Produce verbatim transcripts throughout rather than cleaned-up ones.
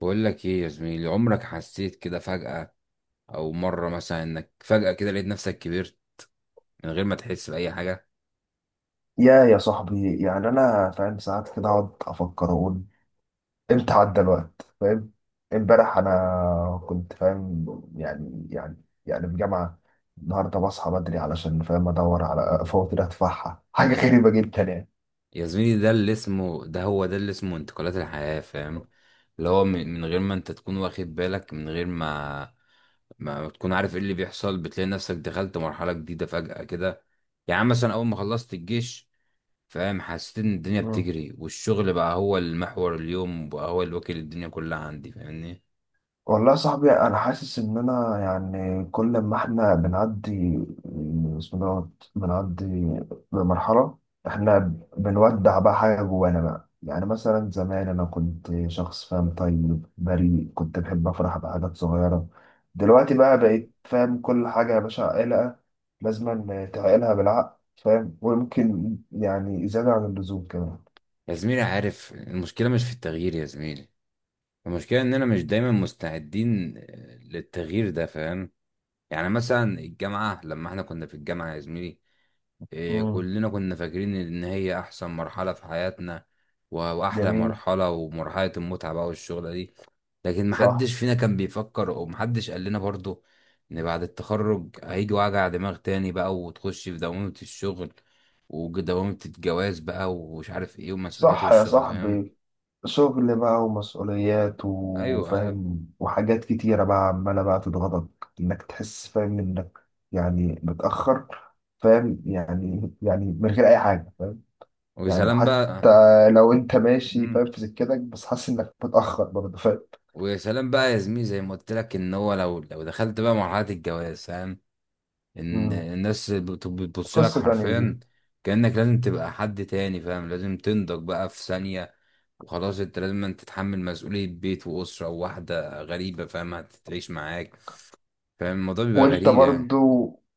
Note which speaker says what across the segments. Speaker 1: بقول لك ايه يا زميلي؟ عمرك حسيت كده فجأة، او مرة مثلا انك فجأة كده لقيت نفسك كبرت من غير ما تحس بأي حاجة؟
Speaker 2: يا يا صاحبي، يعني انا فاهم. ساعات كده اقعد افكر اقول امتى عدى الوقت؟ فاهم. امبارح انا كنت فاهم، يعني يعني يعني في جامعه. النهارده بصحى بدري علشان فاهم ادور على فواتير ادفعها. حاجه غريبه جدا يعني.
Speaker 1: يا زميلي، ده اللي اسمه ده هو ده اللي اسمه انتقالات الحياة، فاهم؟ اللي هو من من غير ما انت تكون واخد بالك، من غير ما ما تكون عارف ايه اللي بيحصل، بتلاقي نفسك دخلت مرحلة جديدة فجأة كده. يعني مثلا اول ما خلصت الجيش، فاهم، حسيت ان الدنيا بتجري، والشغل بقى هو المحور اليوم وبقى هو اللي واكل الدنيا كلها عندي، فاهمني؟
Speaker 2: والله يا صاحبي، انا حاسس ان انا يعني كل ما احنا بنعدي. بسم الله الرحمن الرحيم. بنعدي بمرحله، احنا بنودع بقى حاجه جوانا بقى. يعني مثلا زمان انا كنت شخص فاهم، طيب، بريء، كنت بحب افرح بحاجات صغيره. دلوقتي بقى بقيت فاهم كل حاجه يا باشا. عائلة لازم تعقلها بالعقل فاهم. ويمكن يعني زياده عن اللزوم كمان.
Speaker 1: يا زميلي، عارف المشكلة مش في التغيير يا زميلي؟ المشكلة إننا مش دايما مستعدين آه، للتغيير ده، فاهم. يعني مثلا الجامعة، لما احنا كنا في الجامعة يا زميلي، آه،
Speaker 2: مم.
Speaker 1: كلنا كنا فاكرين إن هي أحسن مرحلة في حياتنا، و- وأحلى
Speaker 2: جميل.
Speaker 1: مرحلة ومرحلة المتعة بقى والشغلة دي. لكن
Speaker 2: صح.
Speaker 1: محدش فينا كان بيفكر ومحدش قال لنا برضه إن بعد التخرج هيجي وجع دماغ تاني بقى، وتخش في دوامة الشغل ودوامة الجواز بقى، ومش عارف ايه، ومسؤوليات
Speaker 2: صح يا
Speaker 1: والشغل، فاهم.
Speaker 2: صاحبي. شغل بقى ومسؤوليات
Speaker 1: ايوه، ايوه.
Speaker 2: وفاهم وحاجات كتيرة بقى عمالة بقى تضغطك. إنك تحس فاهم إنك يعني متأخر فاهم، يعني يعني من غير أي حاجة فاهم.
Speaker 1: ويا
Speaker 2: يعني
Speaker 1: سلام
Speaker 2: حتى
Speaker 1: بقى.
Speaker 2: لو أنت ماشي
Speaker 1: امم
Speaker 2: فاهم في سكتك بس حاسس إنك متأخر برضه فاهم.
Speaker 1: ويا سلام بقى يا زميلي، زي ما قلت لك ان هو لو لو دخلت بقى مرحله الجواز، فاهم، ان
Speaker 2: مم.
Speaker 1: الناس بت- بتبص لك
Speaker 2: قصة تانية دي.
Speaker 1: حرفيا كانك لازم تبقى حد تاني، فاهم، لازم تنضج بقى في ثانيه، وخلاص انت لازم أن تتحمل مسؤوليه بيت واسره وواحده غريبه، فاهم، هتعيش معاك. فاهم الموضوع بيبقى
Speaker 2: وأنت
Speaker 1: غريب
Speaker 2: برضه
Speaker 1: يعني.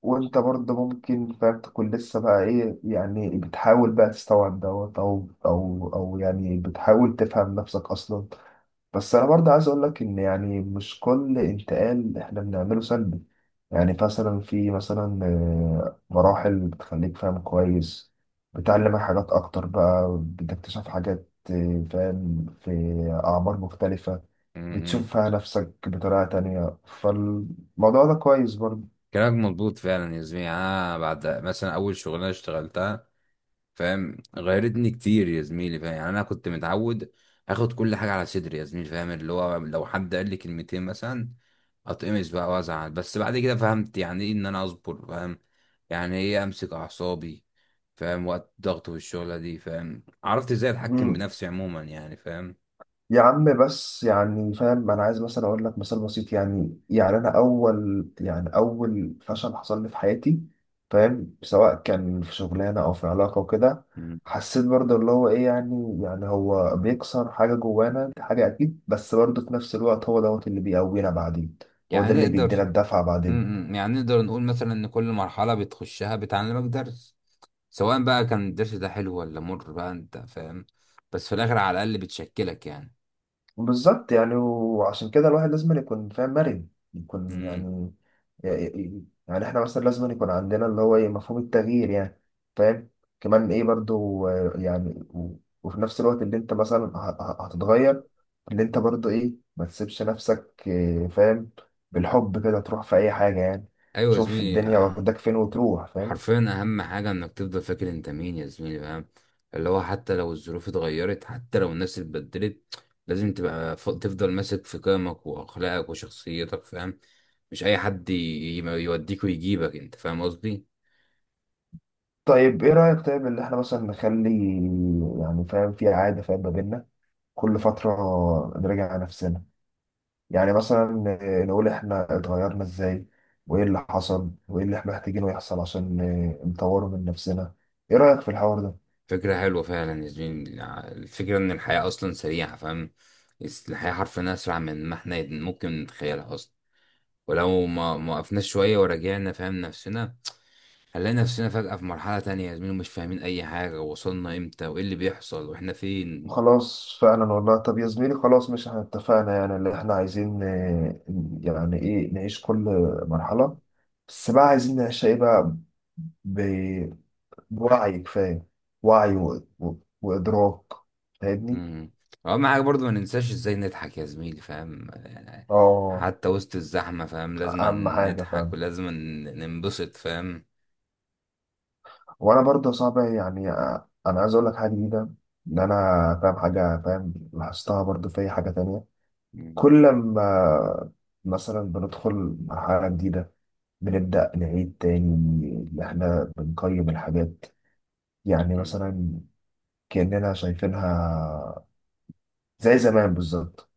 Speaker 2: وأنت برضه ممكن فاهم تكون لسه بقى إيه، يعني بتحاول بقى تستوعب دوت، أو أو أو يعني بتحاول تفهم نفسك أصلا. بس انا برضه عايز اقول لك ان يعني مش كل انتقال احنا بنعمله سلبي. يعني مثلا في مثلا آه، مراحل بتخليك فاهم كويس. بتعلمك حاجات اكتر بقى، بتكتشف حاجات آه، فاهم في اعمار مختلفة.
Speaker 1: امم
Speaker 2: بتشوف فيها نفسك بطريقة تانية. فالموضوع ده كويس.
Speaker 1: كلامك مظبوط فعلا يا زميلي، انا بعد مثلا اول شغلانه اشتغلتها، فاهم، غيرتني كتير يا زميلي، فاهم يعني، انا كنت متعود اخد كل حاجه على صدري يا زميلي، فاهم، اللي هو لو حد قال لي كلمتين مثلا اتقمص بقى وازعل. بس بعد كده فهمت يعني ايه ان انا اصبر، فاهم، يعني ايه امسك اعصابي، فاهم وقت ضغط، والشغله دي فاهم عرفت ازاي اتحكم
Speaker 2: برضه.
Speaker 1: بنفسي عموما يعني، فاهم.
Speaker 2: يا عم بس يعني فاهم انا عايز مثلا اقول لك مثال بسيط. يعني يعني انا اول يعني اول فشل حصل لي في حياتي، فاهم، سواء كان في شغلانه او في علاقه وكده.
Speaker 1: مم.
Speaker 2: حسيت برضه اللي هو ايه. يعني يعني هو بيكسر حاجه جوانا. دي حاجه اكيد، بس برضه في نفس الوقت هو دوت اللي بيقوينا بعدين. هو
Speaker 1: يعني
Speaker 2: ده اللي بيدينا
Speaker 1: نقدر
Speaker 2: الدفعه بعدين.
Speaker 1: مم. يعني نقدر نقول مثلا ان كل مرحلة بتخشها بتعلمك درس، سواء بقى كان الدرس ده حلو ولا مر بقى، انت فاهم، بس في الاخر على الاقل بتشكلك يعني.
Speaker 2: بالظبط يعني. وعشان كده الواحد لازم يكون فاهم مرن، يكون
Speaker 1: امم
Speaker 2: يعني يعني يعني احنا مثلا لازم يكون عندنا اللي هو ايه مفهوم التغيير يعني. فاهم. كمان ايه برضو آه، يعني و- وفي نفس الوقت اللي انت مثلا ه- ه- هتتغير، اللي انت برضو ايه ما تسيبش نفسك آه، فاهم بالحب كده تروح في اي حاجة يعني.
Speaker 1: ايوه يا
Speaker 2: تشوف
Speaker 1: زميلي.
Speaker 2: الدنيا
Speaker 1: آه،
Speaker 2: واخدك فين وتروح فاهم.
Speaker 1: حرفيا اهم حاجه انك تفضل فاكر انت مين يا زميلي، فاهم، اللي هو حتى لو الظروف اتغيرت، حتى لو الناس اتبدلت، لازم تبقى ف- تفضل ماسك في قيمك واخلاقك وشخصيتك، فاهم. مش اي حد ي- ي- يوديك ويجيبك انت، فاهم قصدي.
Speaker 2: طيب ايه رأيك؟ طيب اللي احنا مثلا نخلي، يعني فاهم، في عادة فاهم ما بيننا كل فترة نراجع نفسنا. يعني مثلا آه، نقول احنا اتغيرنا ازاي، وايه اللي حصل، وايه اللي احنا محتاجينه يحصل عشان آه، نطوره من نفسنا. ايه رأيك في الحوار ده؟
Speaker 1: فكره حلوه فعلا يا زميلي. الفكره ان الحياه اصلا سريعه، فاهم، الحياه حرفيا اسرع من ما احنا ممكن نتخيلها اصلا، ولو ما ما وقفنا شوية ورجعنا فاهم نفسنا، هنلاقي نفسنا فجأة في مرحلة تانية يا زميلي، مش فاهمين أي حاجة، وصلنا إمتى وإيه اللي بيحصل وإحنا فين.
Speaker 2: خلاص فعلا والله. طب يا زميلي، خلاص مش احنا اتفقنا يعني اللي احنا عايزين آه، يعني ايه نعيش كل مرحلة. بس بقى عايزين نعيشها ايه بقى؟ ب- بوعي كفاية. وعي و... و... وإدراك. فاهمني؟
Speaker 1: مم. وأهم حاجة برضو ما ننساش إزاي نضحك يا زميلي، فاهم يعني،
Speaker 2: اه.
Speaker 1: حتى وسط الزحمة، فاهم، لازم
Speaker 2: أهم حاجة
Speaker 1: نضحك
Speaker 2: فعلا.
Speaker 1: ولازم ننبسط، فاهم.
Speaker 2: وانا برضه صعب يعني، آه، انا عايز اقول لك حاجه جديده. ان انا فاهم حاجه فاهم لاحظتها برضه في أي حاجه تانية. كل ما مثلا بندخل مرحله جديده، بنبدا نعيد تاني ان احنا بنقيم الحاجات. يعني
Speaker 1: مم.
Speaker 2: مثلا كاننا شايفينها زي زمان بالظبط.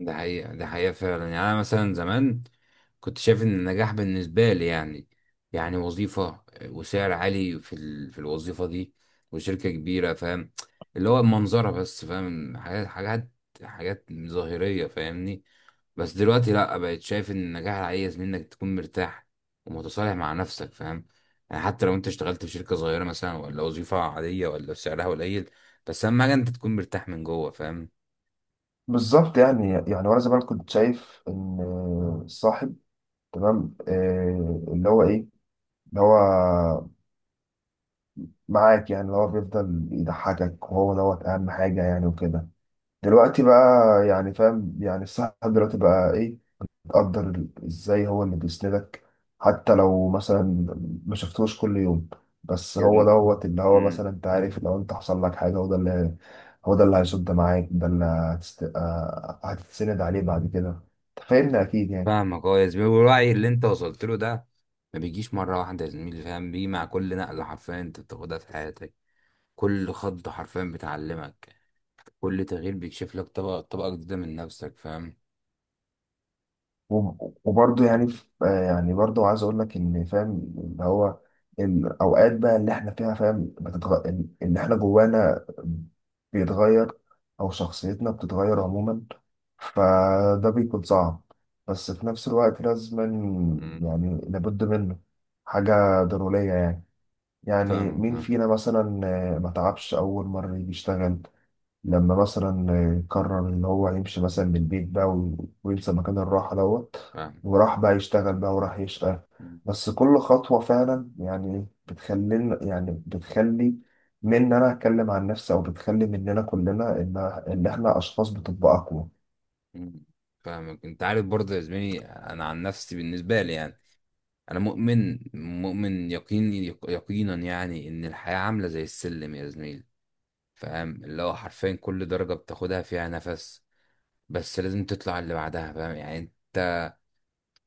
Speaker 1: ده حقيقة، ده حقيقة فعلا يعني. أنا مثلا زمان كنت شايف إن النجاح بالنسبة لي يعني يعني وظيفة وسعر عالي في ال... في الوظيفة دي وشركة كبيرة، فاهم، اللي هو منظرة بس، فاهم، حاجات حاجات حاجات ظاهرية، فاهمني. بس دلوقتي لأ، بقيت شايف إن النجاح العايز منك تكون مرتاح ومتصالح مع نفسك، فاهم، يعني حتى لو أنت اشتغلت في شركة صغيرة مثلا، ولا وظيفة عادية، ولا سعرها قليل، بس أهم حاجة أنت تكون مرتاح من جوه، فاهم.
Speaker 2: بالظبط يعني يعني وانا زمان كنت شايف ان الصاحب تمام آه، اللي هو ايه، اللي هو معاك، يعني اللي هو بيفضل يضحكك وهو دوت أهم حاجة يعني وكده. دلوقتي بقى يعني فاهم يعني الصاحب دلوقتي بقى إيه؟ تقدر ال- إزاي هو اللي بيسندك، حتى لو مثلا ما شفتوش كل يوم. بس هو دوت اللي هو
Speaker 1: مم.
Speaker 2: مثلا أنت عارف لو أنت حصل لك حاجة، هو ده اللي هو ده اللي هيصد معاك. ده اللي هتست... آه، هتتسند عليه بعد كده. أنت فاهمني أكيد يعني.
Speaker 1: فاهمك اه يا زميلي، والوعي اللي انت وصلت له ده ما بيجيش مره واحده يا زميلي، فاهم، بيجي مع كل نقله حرفيا انت بتاخدها في حياتك. كل خط حرفيا بتعلمك، كل تغيير بيكشف لك طبقه طبقه جديده من نفسك، فاهم.
Speaker 2: وب- وبرضه يعني ف- آه يعني برضه عايز اقول لك ان فاهم اللي هو الاوقات بقى اللي احنا فيها فاهم بتتغ... اللي احنا جوانا بيتغير، او شخصيتنا بتتغير عموما. فده بيكون صعب بس في نفس الوقت لازم.
Speaker 1: مم.
Speaker 2: يعني لابد منه، حاجة ضرورية يعني. يعني
Speaker 1: فاهمك،
Speaker 2: مين
Speaker 1: فاهم
Speaker 2: فينا مثلا آه، ما تعبش أول مرة يجي يشتغل، لما مثلا قرر ان هو يمشي مثلا من البيت بقى و- وينسى مكان الراحه دوت،
Speaker 1: فاهم.
Speaker 2: وراح بقى يشتغل بقى وراح يشتغل.
Speaker 1: مم.
Speaker 2: بس كل خطوه فعلا يعني بتخلينا، يعني بتخلي من إن انا اتكلم عن نفسي او بتخلي مننا كلنا ان ان احنا اشخاص بتبقى اقوى.
Speaker 1: مم. فاهمك، انت عارف برضه يا زميلي، انا عن نفسي بالنسبه لي يعني، انا مؤمن مؤمن يقيني يق- يقينا يعني ان الحياه عامله زي السلم يا زميلي، فاهم، اللي هو حرفيا كل درجه بتاخدها فيها نفس، بس لازم تطلع اللي بعدها، فاهم يعني، انت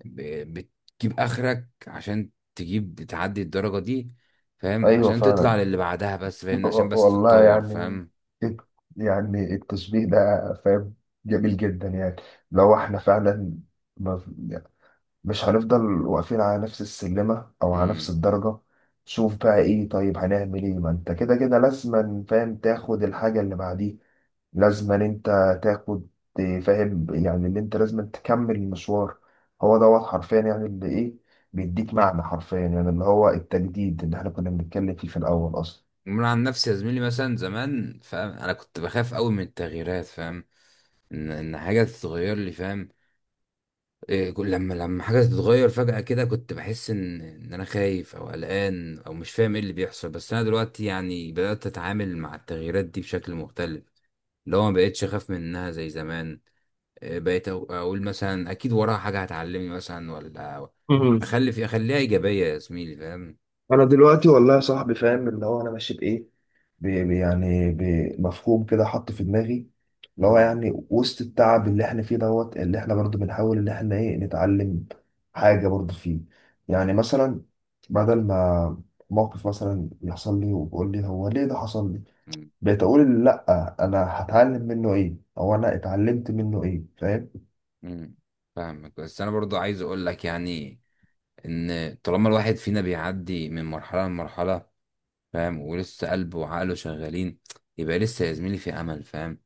Speaker 1: ب- بتجيب اخرك عشان تجيب تعدي الدرجة دي، فاهم
Speaker 2: ايوه
Speaker 1: عشان
Speaker 2: فعلا.
Speaker 1: تطلع للي بعدها، بس فاهم عشان
Speaker 2: و-
Speaker 1: بس
Speaker 2: والله
Speaker 1: تتطور،
Speaker 2: يعني
Speaker 1: فاهم.
Speaker 2: الت- يعني التشبيه ده فاهم جميل جدا يعني. لو احنا فعلا مش هنفضل واقفين على نفس السلمة أو على نفس
Speaker 1: امم
Speaker 2: الدرجة. شوف بقى إيه. طيب هنعمل إيه؟ ما أنت كده كده لازما فاهم تاخد الحاجة اللي بعديه. لازما أنت تاخد، فاهم يعني، اللي أنت لازما تكمل المشوار. هو دوت حرفيا يعني اللي إيه بيديك معنى، حرفيا يعني اللي هو التجديد اللي إحنا كنا بنتكلم فيه في الأول.
Speaker 1: من عن نفسي يا زميلي، مثلا زمان، فاهم، انا كنت بخاف قوي من التغييرات، فاهم، ان ان حاجة تتغير لي، فاهم إيه، كل- لما لما حاجة تتغير فجأة كده كنت بحس ان ان انا خايف او قلقان او مش فاهم ايه اللي بيحصل. بس انا دلوقتي يعني بدأت اتعامل مع التغييرات دي بشكل مختلف، اللي هو ما بقتش اخاف منها زي زمان. آه، بقيت أق- اقول مثلا اكيد وراها حاجه هتعلمني مثلا، ولا
Speaker 2: أصلا.
Speaker 1: اخلي في اخليها ايجابيه يا زميلي، فاهم.
Speaker 2: انا دلوقتي والله يا صاحبي فاهم اللي هو انا ماشي بايه. ب- ب- يعني بمفهوم كده حط في دماغي، اللي هو
Speaker 1: امم
Speaker 2: يعني وسط التعب اللي احنا فيه دوت، اللي احنا برضو بنحاول ان احنا ايه نتعلم حاجة برضو فيه. يعني مثلا، بدل ما موقف مثلا يحصل لي وبقول لي هو ليه ده حصل لي،
Speaker 1: مم.
Speaker 2: بقيت اقول لا، انا هتعلم منه ايه او انا اتعلمت منه ايه فاهم.
Speaker 1: امم فاهمك، بس انا برضو عايز اقول لك يعني، ان طالما الواحد فينا بيعدي من مرحله لمرحله، فاهم، ولسه قلبه وعقله شغالين، يبقى لسه يا زميلي في امل، فاهم.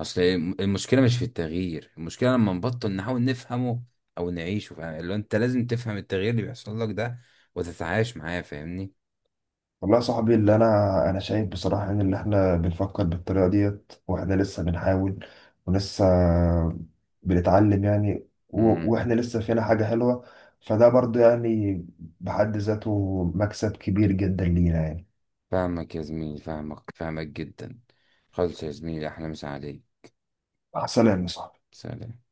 Speaker 1: اصل المشكله مش في التغيير، المشكله لما نبطل نحاول نفهمه او نعيشه، فاهم، اللي هو انت لازم تفهم التغيير اللي بيحصل لك ده وتتعايش معاه، فاهمني.
Speaker 2: والله يا صاحبي. اللي انا انا شايف بصراحه ان اللي احنا بنفكر بالطريقه ديت واحنا لسه بنحاول ولسه بنتعلم يعني. و-
Speaker 1: امم
Speaker 2: واحنا لسه فينا حاجه حلوه. فده برضو يعني بحد ذاته مكسب كبير جدا لينا يعني.
Speaker 1: فاهمك يا زميلي، فاهمك فاهمك جدا. خلص يا زميلي، احلى مسا عليك.
Speaker 2: مع السلامه يا صاحبي.
Speaker 1: سلام.